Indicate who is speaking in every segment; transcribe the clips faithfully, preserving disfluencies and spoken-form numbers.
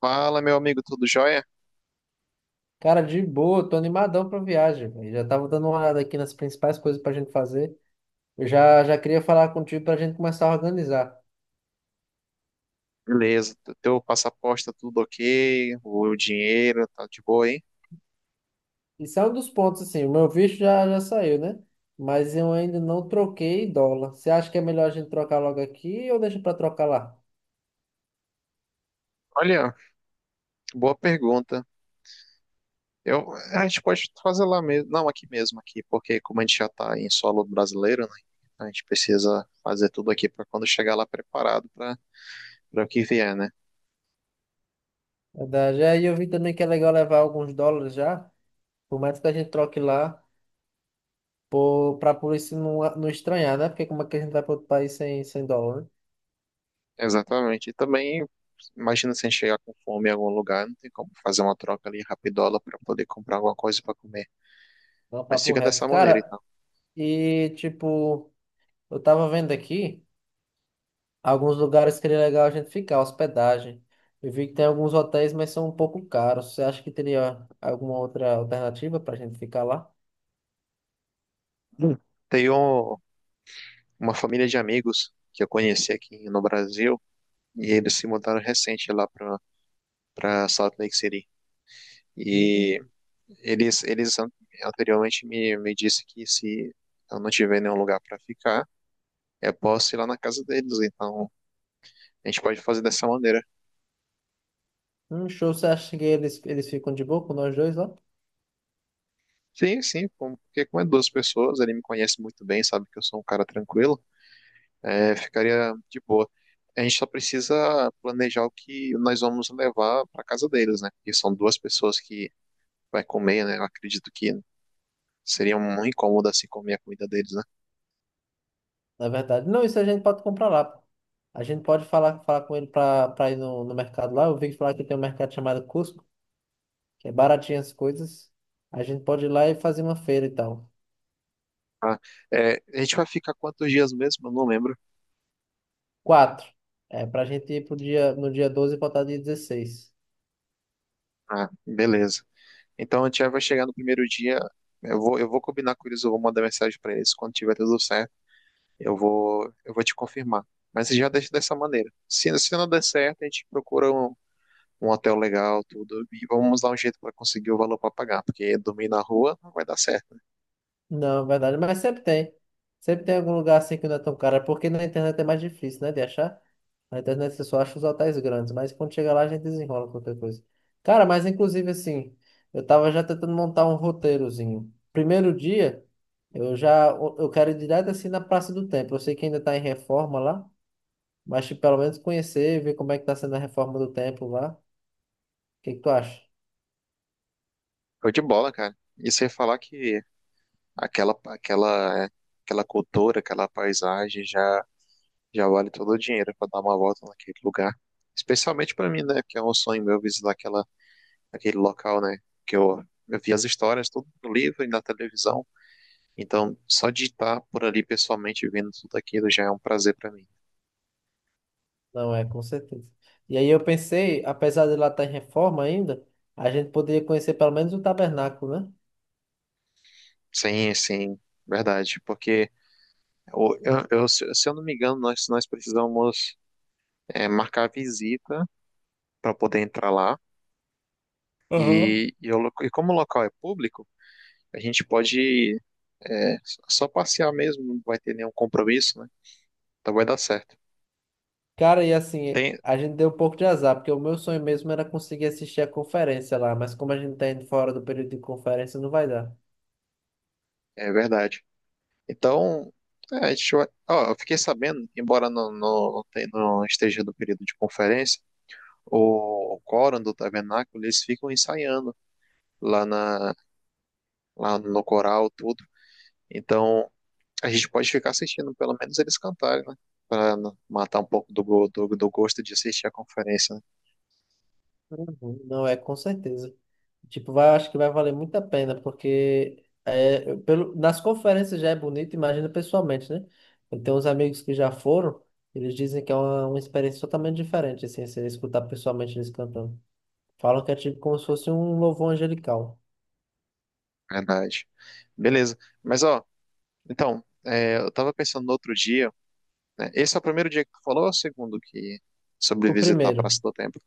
Speaker 1: Fala, meu amigo, tudo jóia?
Speaker 2: Cara, de boa, tô animadão pra viagem, velho. Já tava dando uma olhada aqui nas principais coisas pra gente fazer. Eu já, já queria falar contigo pra gente começar a organizar.
Speaker 1: Beleza, t- teu passaporte tá tudo ok, o dinheiro tá de boa, hein?
Speaker 2: Isso é um dos pontos, assim, o meu visto já, já saiu, né? Mas eu ainda não troquei dólar. Você acha que é melhor a gente trocar logo aqui ou deixa pra trocar lá?
Speaker 1: Olha, boa pergunta. Eu, a gente pode fazer lá mesmo, não, aqui mesmo, aqui, porque como a gente já tá em solo brasileiro, né? A gente precisa fazer tudo aqui para quando chegar lá preparado para para o que vier, né?
Speaker 2: É verdade. Aí eu vi também que é legal levar alguns dólares já, por mais que a gente troque lá, ou pra polícia não, não estranhar, né? Porque como é que a gente vai pra outro país sem, sem dólar, né?
Speaker 1: Exatamente. E também, imagina se a gente chegar com fome em algum lugar, não tem como fazer uma troca ali rapidola para poder comprar alguma coisa para comer.
Speaker 2: Não,
Speaker 1: Mas
Speaker 2: papo
Speaker 1: fica
Speaker 2: reto.
Speaker 1: dessa maneira,
Speaker 2: Cara,
Speaker 1: então.
Speaker 2: e tipo, eu tava vendo aqui. Alguns lugares que seria legal a gente ficar, hospedagem. Eu vi que tem alguns hotéis, mas são um pouco caros. Você acha que teria alguma outra alternativa para a gente ficar lá?
Speaker 1: Hum. Tem um, uma família de amigos que eu conheci aqui no Brasil e eles se mudaram recente lá para para Salt Lake City.
Speaker 2: Hum,
Speaker 1: E eles eles an- anteriormente me me disse que se eu não tiver nenhum lugar para ficar, eu posso ir lá na casa deles. Então, a gente pode fazer dessa maneira.
Speaker 2: hum, show. Você acha que eles, eles ficam de boa com nós dois lá?
Speaker 1: Sim, sim, com- porque como é duas pessoas, ele me conhece muito bem, sabe que eu sou um cara tranquilo, é, ficaria de boa. A gente só precisa planejar o que nós vamos levar para casa deles, né? Porque são duas pessoas que vai comer, né? Eu acredito que seria um incômodo assim comer a comida deles, né?
Speaker 2: Na verdade, não, isso a gente pode comprar lá, pô. A gente pode falar, falar com ele para para ir no, no mercado lá. Eu vi falar que tem um mercado chamado Cusco, que é baratinho as coisas. A gente pode ir lá e fazer uma feira e tal.
Speaker 1: Ah, é, a gente vai ficar quantos dias mesmo? Eu não lembro.
Speaker 2: Quatro. É, para a gente ir pro dia, no dia doze e voltar dia dezesseis.
Speaker 1: Ah, beleza. Então a gente já vai chegar no primeiro dia. Eu vou, eu vou combinar com eles, eu vou mandar mensagem para eles quando tiver tudo certo. Eu vou, eu vou te confirmar. Mas já deixa dessa maneira. Se, se não der certo, a gente procura um, um hotel legal, tudo, e vamos dar um jeito para conseguir o valor para pagar, porque dormir na rua não vai dar certo.
Speaker 2: Não, verdade, mas sempre tem. Sempre tem algum lugar assim que não é tão caro, é porque na internet é mais difícil, né, de achar. Na internet você só acha os hotéis grandes, mas quando chega lá a gente desenrola qualquer coisa. Cara, mas inclusive assim, eu tava já tentando montar um roteirozinho. Primeiro dia, eu já eu quero ir direto assim na Praça do Templo. Eu sei que ainda tá em reforma lá, mas tipo, pelo menos conhecer, ver como é que tá sendo a reforma do templo lá. O que que tu acha?
Speaker 1: Foi de bola, cara. E você falar que Aquela, aquela, aquela cultura, aquela paisagem já, já vale todo o dinheiro para dar uma volta naquele lugar. Especialmente para mim, né? Que é um sonho meu visitar aquela, aquele local, né? Que eu, eu vi as histórias tudo no livro e na televisão. Então, só de estar por ali pessoalmente vendo tudo aquilo já é um prazer para mim.
Speaker 2: Não é, com certeza. E aí eu pensei, apesar de lá estar em reforma ainda, a gente poderia conhecer pelo menos o tabernáculo, né?
Speaker 1: Sim, sim, verdade. Porque eu, eu- eu- se se eu não me engano, nós, nós precisamos é, marcar visita para poder entrar lá.
Speaker 2: Aham.
Speaker 1: E, e, o lo- e como o local é público, a gente pode, é, só passear mesmo, não vai ter nenhum compromisso, né? Então vai dar certo.
Speaker 2: Cara, e assim,
Speaker 1: Tem,
Speaker 2: a gente deu um pouco de azar, porque o meu sonho mesmo era conseguir assistir a conferência lá, mas como a gente tá indo fora do período de conferência, não vai dar.
Speaker 1: é verdade. Então, é, a gente vai. Ó, eu fiquei sabendo, embora não, não, não tenha- não esteja no período de conferência, o quórum do tabernáculo, eles ficam ensaiando lá, na, lá no coral, tudo. Então, a gente pode ficar assistindo, pelo menos eles cantarem, né? Para matar um pouco do, go- do, do gosto de assistir a conferência, né?
Speaker 2: Uhum. Não, é com certeza. Tipo, vai, acho que vai valer muito a pena, porque é, eu- pelo, nas conferências já é bonito, imagina pessoalmente, né? Eu tenho uns amigos que já foram, eles dizem que é uma, uma experiência totalmente diferente, assim, você escutar pessoalmente eles cantando. Falam que é tipo como se fosse um louvor angelical.
Speaker 1: Verdade. Beleza. Mas, ó. Então, é, eu estava pensando no outro dia, né? Esse é o primeiro dia que tu falou ou é o segundo que sobre
Speaker 2: O
Speaker 1: visitar a
Speaker 2: primeiro,
Speaker 1: Praça do Templo,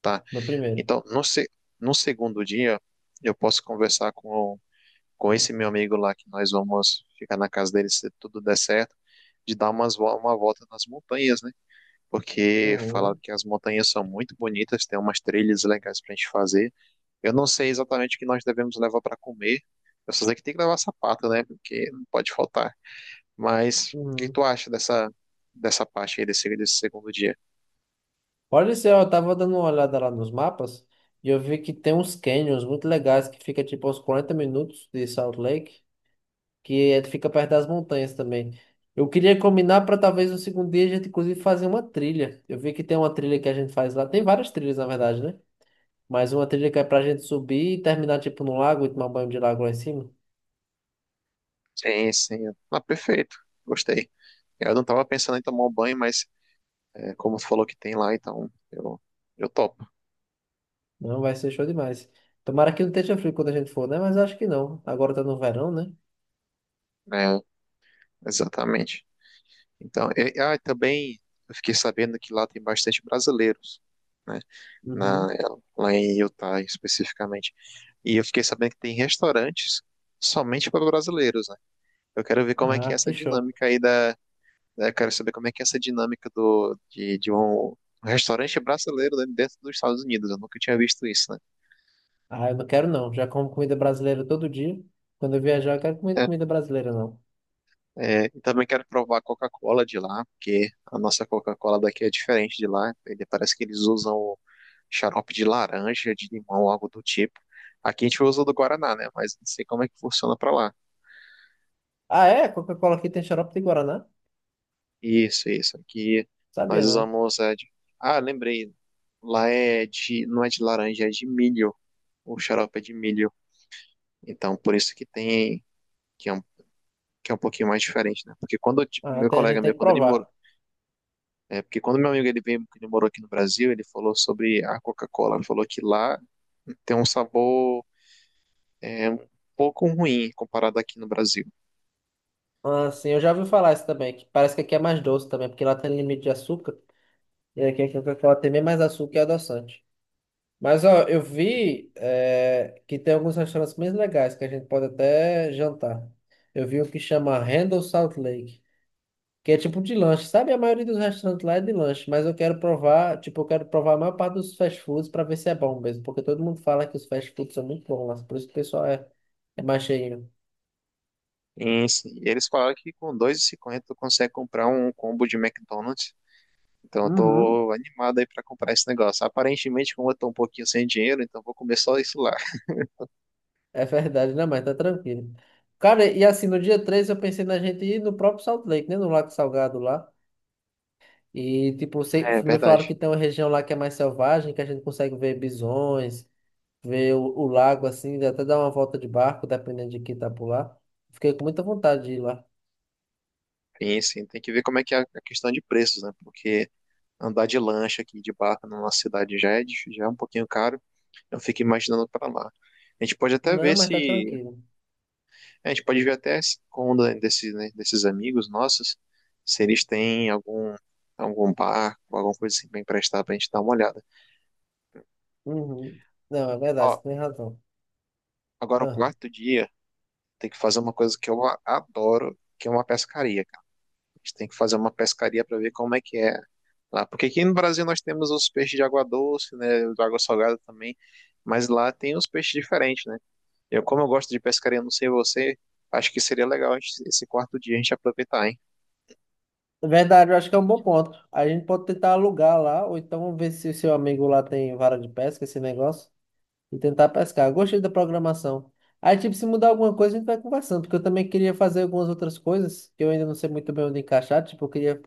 Speaker 1: tá?
Speaker 2: no primeiro.
Speaker 1: Então, no, se, no segundo dia, eu posso conversar com, com esse meu amigo lá, que nós vamos ficar na casa dele se tudo der certo, de dar umas, vo- uma volta nas montanhas, né? Porque falaram
Speaker 2: Uhum,
Speaker 1: que as montanhas são muito bonitas, tem umas trilhas legais pra gente fazer. Eu não sei exatamente o que nós devemos levar para comer, eu só sei que tem que levar sapato, né? Porque não pode faltar. Mas o que
Speaker 2: uhum.
Speaker 1: tu acha dessa, dessa parte aí desse, desse segundo dia?
Speaker 2: Olha só, eu tava dando uma olhada lá nos mapas e eu vi que tem uns canyons muito legais que fica tipo aos quarenta minutos de Salt Lake. que é- fica perto das montanhas também. Eu queria combinar para talvez no segundo dia a gente inclusive fazer uma trilha. Eu vi que tem uma trilha que a gente faz lá, tem várias trilhas na verdade, né? Mas uma trilha que é pra gente subir e terminar tipo no lago e tomar banho de lago lá em cima.
Speaker 1: Sim, sim. Ah, perfeito. Gostei. Eu não tava pensando em tomar um banho, mas é, como tu falou que tem lá, então eu, eu topo.
Speaker 2: Não, vai ser show demais. Tomara que não esteja frio quando a gente for, né? Mas acho que não. Agora tá no verão, né?
Speaker 1: Né? Exatamente. Então, e, ah, e ah, também eu fiquei sabendo que lá tem bastante brasileiros, né? Na,
Speaker 2: Uhum.
Speaker 1: lá em Utah especificamente. E eu fiquei sabendo que tem restaurantes somente para brasileiros, né? Eu quero ver como é que é
Speaker 2: Ah,
Speaker 1: essa
Speaker 2: que show.
Speaker 1: dinâmica aí da, né? Quero saber como é que é essa dinâmica do, de, de um restaurante brasileiro, né, dentro dos Estados Unidos. Eu nunca tinha visto isso, né?
Speaker 2: Ah, eu não quero não. Já como comida brasileira todo dia. Quando eu viajar, eu quero comer
Speaker 1: É,
Speaker 2: comida brasileira, não.
Speaker 1: é, e também quero provar a Coca-Cola de lá, porque a nossa Coca-Cola daqui é diferente de lá. Ele, parece que eles usam xarope de laranja, de limão, algo do tipo. Aqui a gente usa do Guaraná, né? Mas não sei como é que funciona para lá.
Speaker 2: Ah, é? Coca-Cola aqui tem xarope de Guaraná?
Speaker 1: Isso, isso. Aqui nós
Speaker 2: Sabia não.
Speaker 1: usamos é de... Ah, lembrei. Lá é de... não é de laranja, é de milho. O xarope é de milho. Então, por isso que tem que é um, que é um pouquinho mais diferente, né? Porque quando eu ti-
Speaker 2: Ah,
Speaker 1: meu
Speaker 2: tem- a
Speaker 1: colega
Speaker 2: gente tem
Speaker 1: meu,
Speaker 2: que
Speaker 1: quando ele morou,
Speaker 2: provar.
Speaker 1: é, porque quando meu amigo ele veio, que ele morou aqui no Brasil, ele falou sobre a Coca-Cola, ele falou que lá tem um sabor é, um pouco ruim comparado aqui no Brasil.
Speaker 2: Ah, sim, eu já ouvi falar isso também, que parece que aqui é mais doce também, porque lá tem limite de açúcar, e aqui, aqui, aqui ela tem bem mais açúcar e adoçante. Mas, ó, eu vi eh, que tem alguns restaurantes bem legais, que a gente pode até jantar. Eu vi um que chama Randall Salt Lake, que é tipo de lanche, sabe? A maioria dos restaurantes lá é de lanche, mas eu quero provar, tipo, eu quero provar a maior parte dos fast foods para ver se é bom mesmo, porque todo mundo fala que os fast foods são muito bons lá, por isso que o pessoal é, é mais cheinho.
Speaker 1: Sim, sim. E eles falaram que com dois e cinquenta tu consegue comprar um combo de McDonald's. Então eu
Speaker 2: Uhum.
Speaker 1: tô animado aí pra comprar esse negócio. Aparentemente, como eu tô um pouquinho sem dinheiro, então eu vou comer só isso lá.
Speaker 2: É verdade, não, mas tá tranquilo. Cara, e assim, no dia três eu pensei na gente ir no próprio Salt Lake, né? No Lago Salgado lá. E, tipo, sei-
Speaker 1: É
Speaker 2: me falaram que
Speaker 1: verdade.
Speaker 2: tem uma região lá que é mais selvagem, que a gente consegue ver bisões, ver o, o lago, assim, até dar uma volta de barco, dependendo de quem tá por lá. Fiquei com muita vontade de ir lá.
Speaker 1: Sim, sim. Tem que ver como é que é a questão de preços, né? Porque andar de lancha aqui de barco na nossa cidade já é, dif- já é um pouquinho caro. Eu fico imaginando pra lá. A gente pode até
Speaker 2: Não,
Speaker 1: ver
Speaker 2: mas
Speaker 1: se
Speaker 2: tá tranquilo.
Speaker 1: É, a gente pode ver até se com um da- desse, né, desses amigos nossos, se eles têm algum, algum barco, alguma coisa assim pra emprestar pra gente dar uma olhada.
Speaker 2: Uhum. Não, é verdade, você
Speaker 1: Ó,
Speaker 2: tem razão.
Speaker 1: agora o
Speaker 2: Ah.
Speaker 1: quarto dia tem que fazer uma coisa que eu a- adoro, que é uma pescaria, cara. A gente tem que fazer uma pescaria para ver como é que é lá. Porque aqui no Brasil nós temos os peixes de água doce, né, de água salgada também, mas lá tem os peixes diferentes, né? Eu, como eu gosto de pescaria, não sei você, acho que seria legal a gente- esse quarto dia a gente aproveitar, hein?
Speaker 2: É verdade, eu acho que é um bom ponto. A gente pode tentar alugar lá, ou então ver se o seu amigo lá tem vara de pesca, esse negócio. E tentar pescar. Gostei da programação. Aí, tipo, se mudar alguma coisa, a gente vai conversando, porque eu também queria fazer algumas outras coisas, que eu ainda não sei muito bem onde encaixar. Tipo, eu queria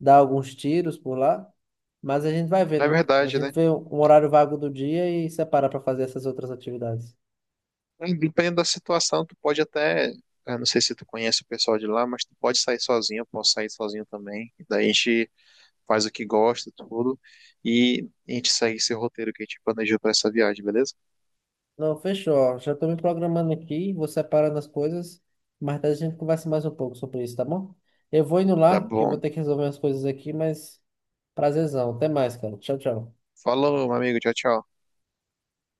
Speaker 2: dar alguns tiros por lá, mas a gente vai
Speaker 1: Na
Speaker 2: vendo. A
Speaker 1: verdade,
Speaker 2: gente
Speaker 1: né?
Speaker 2: vê um horário vago do dia e separa para fazer essas outras atividades.
Speaker 1: É, dependendo da situação, tu pode até. Eu não sei se tu conhece o pessoal de lá, mas tu pode sair sozinho, eu posso sair sozinho também. E daí a gente faz o que gosta, tudo. E a gente segue esse roteiro que a gente planejou pra essa viagem, beleza?
Speaker 2: Não, fechou, ó. Já tô me programando aqui, vou separando as coisas, mas daí a gente conversa mais um pouco sobre isso, tá bom? Eu vou indo
Speaker 1: Tá
Speaker 2: lá, que eu vou
Speaker 1: bom.
Speaker 2: ter que resolver as coisas aqui, mas prazerzão. Até mais, cara. Tchau, tchau.
Speaker 1: Falou, meu amigo. Tchau, tchau.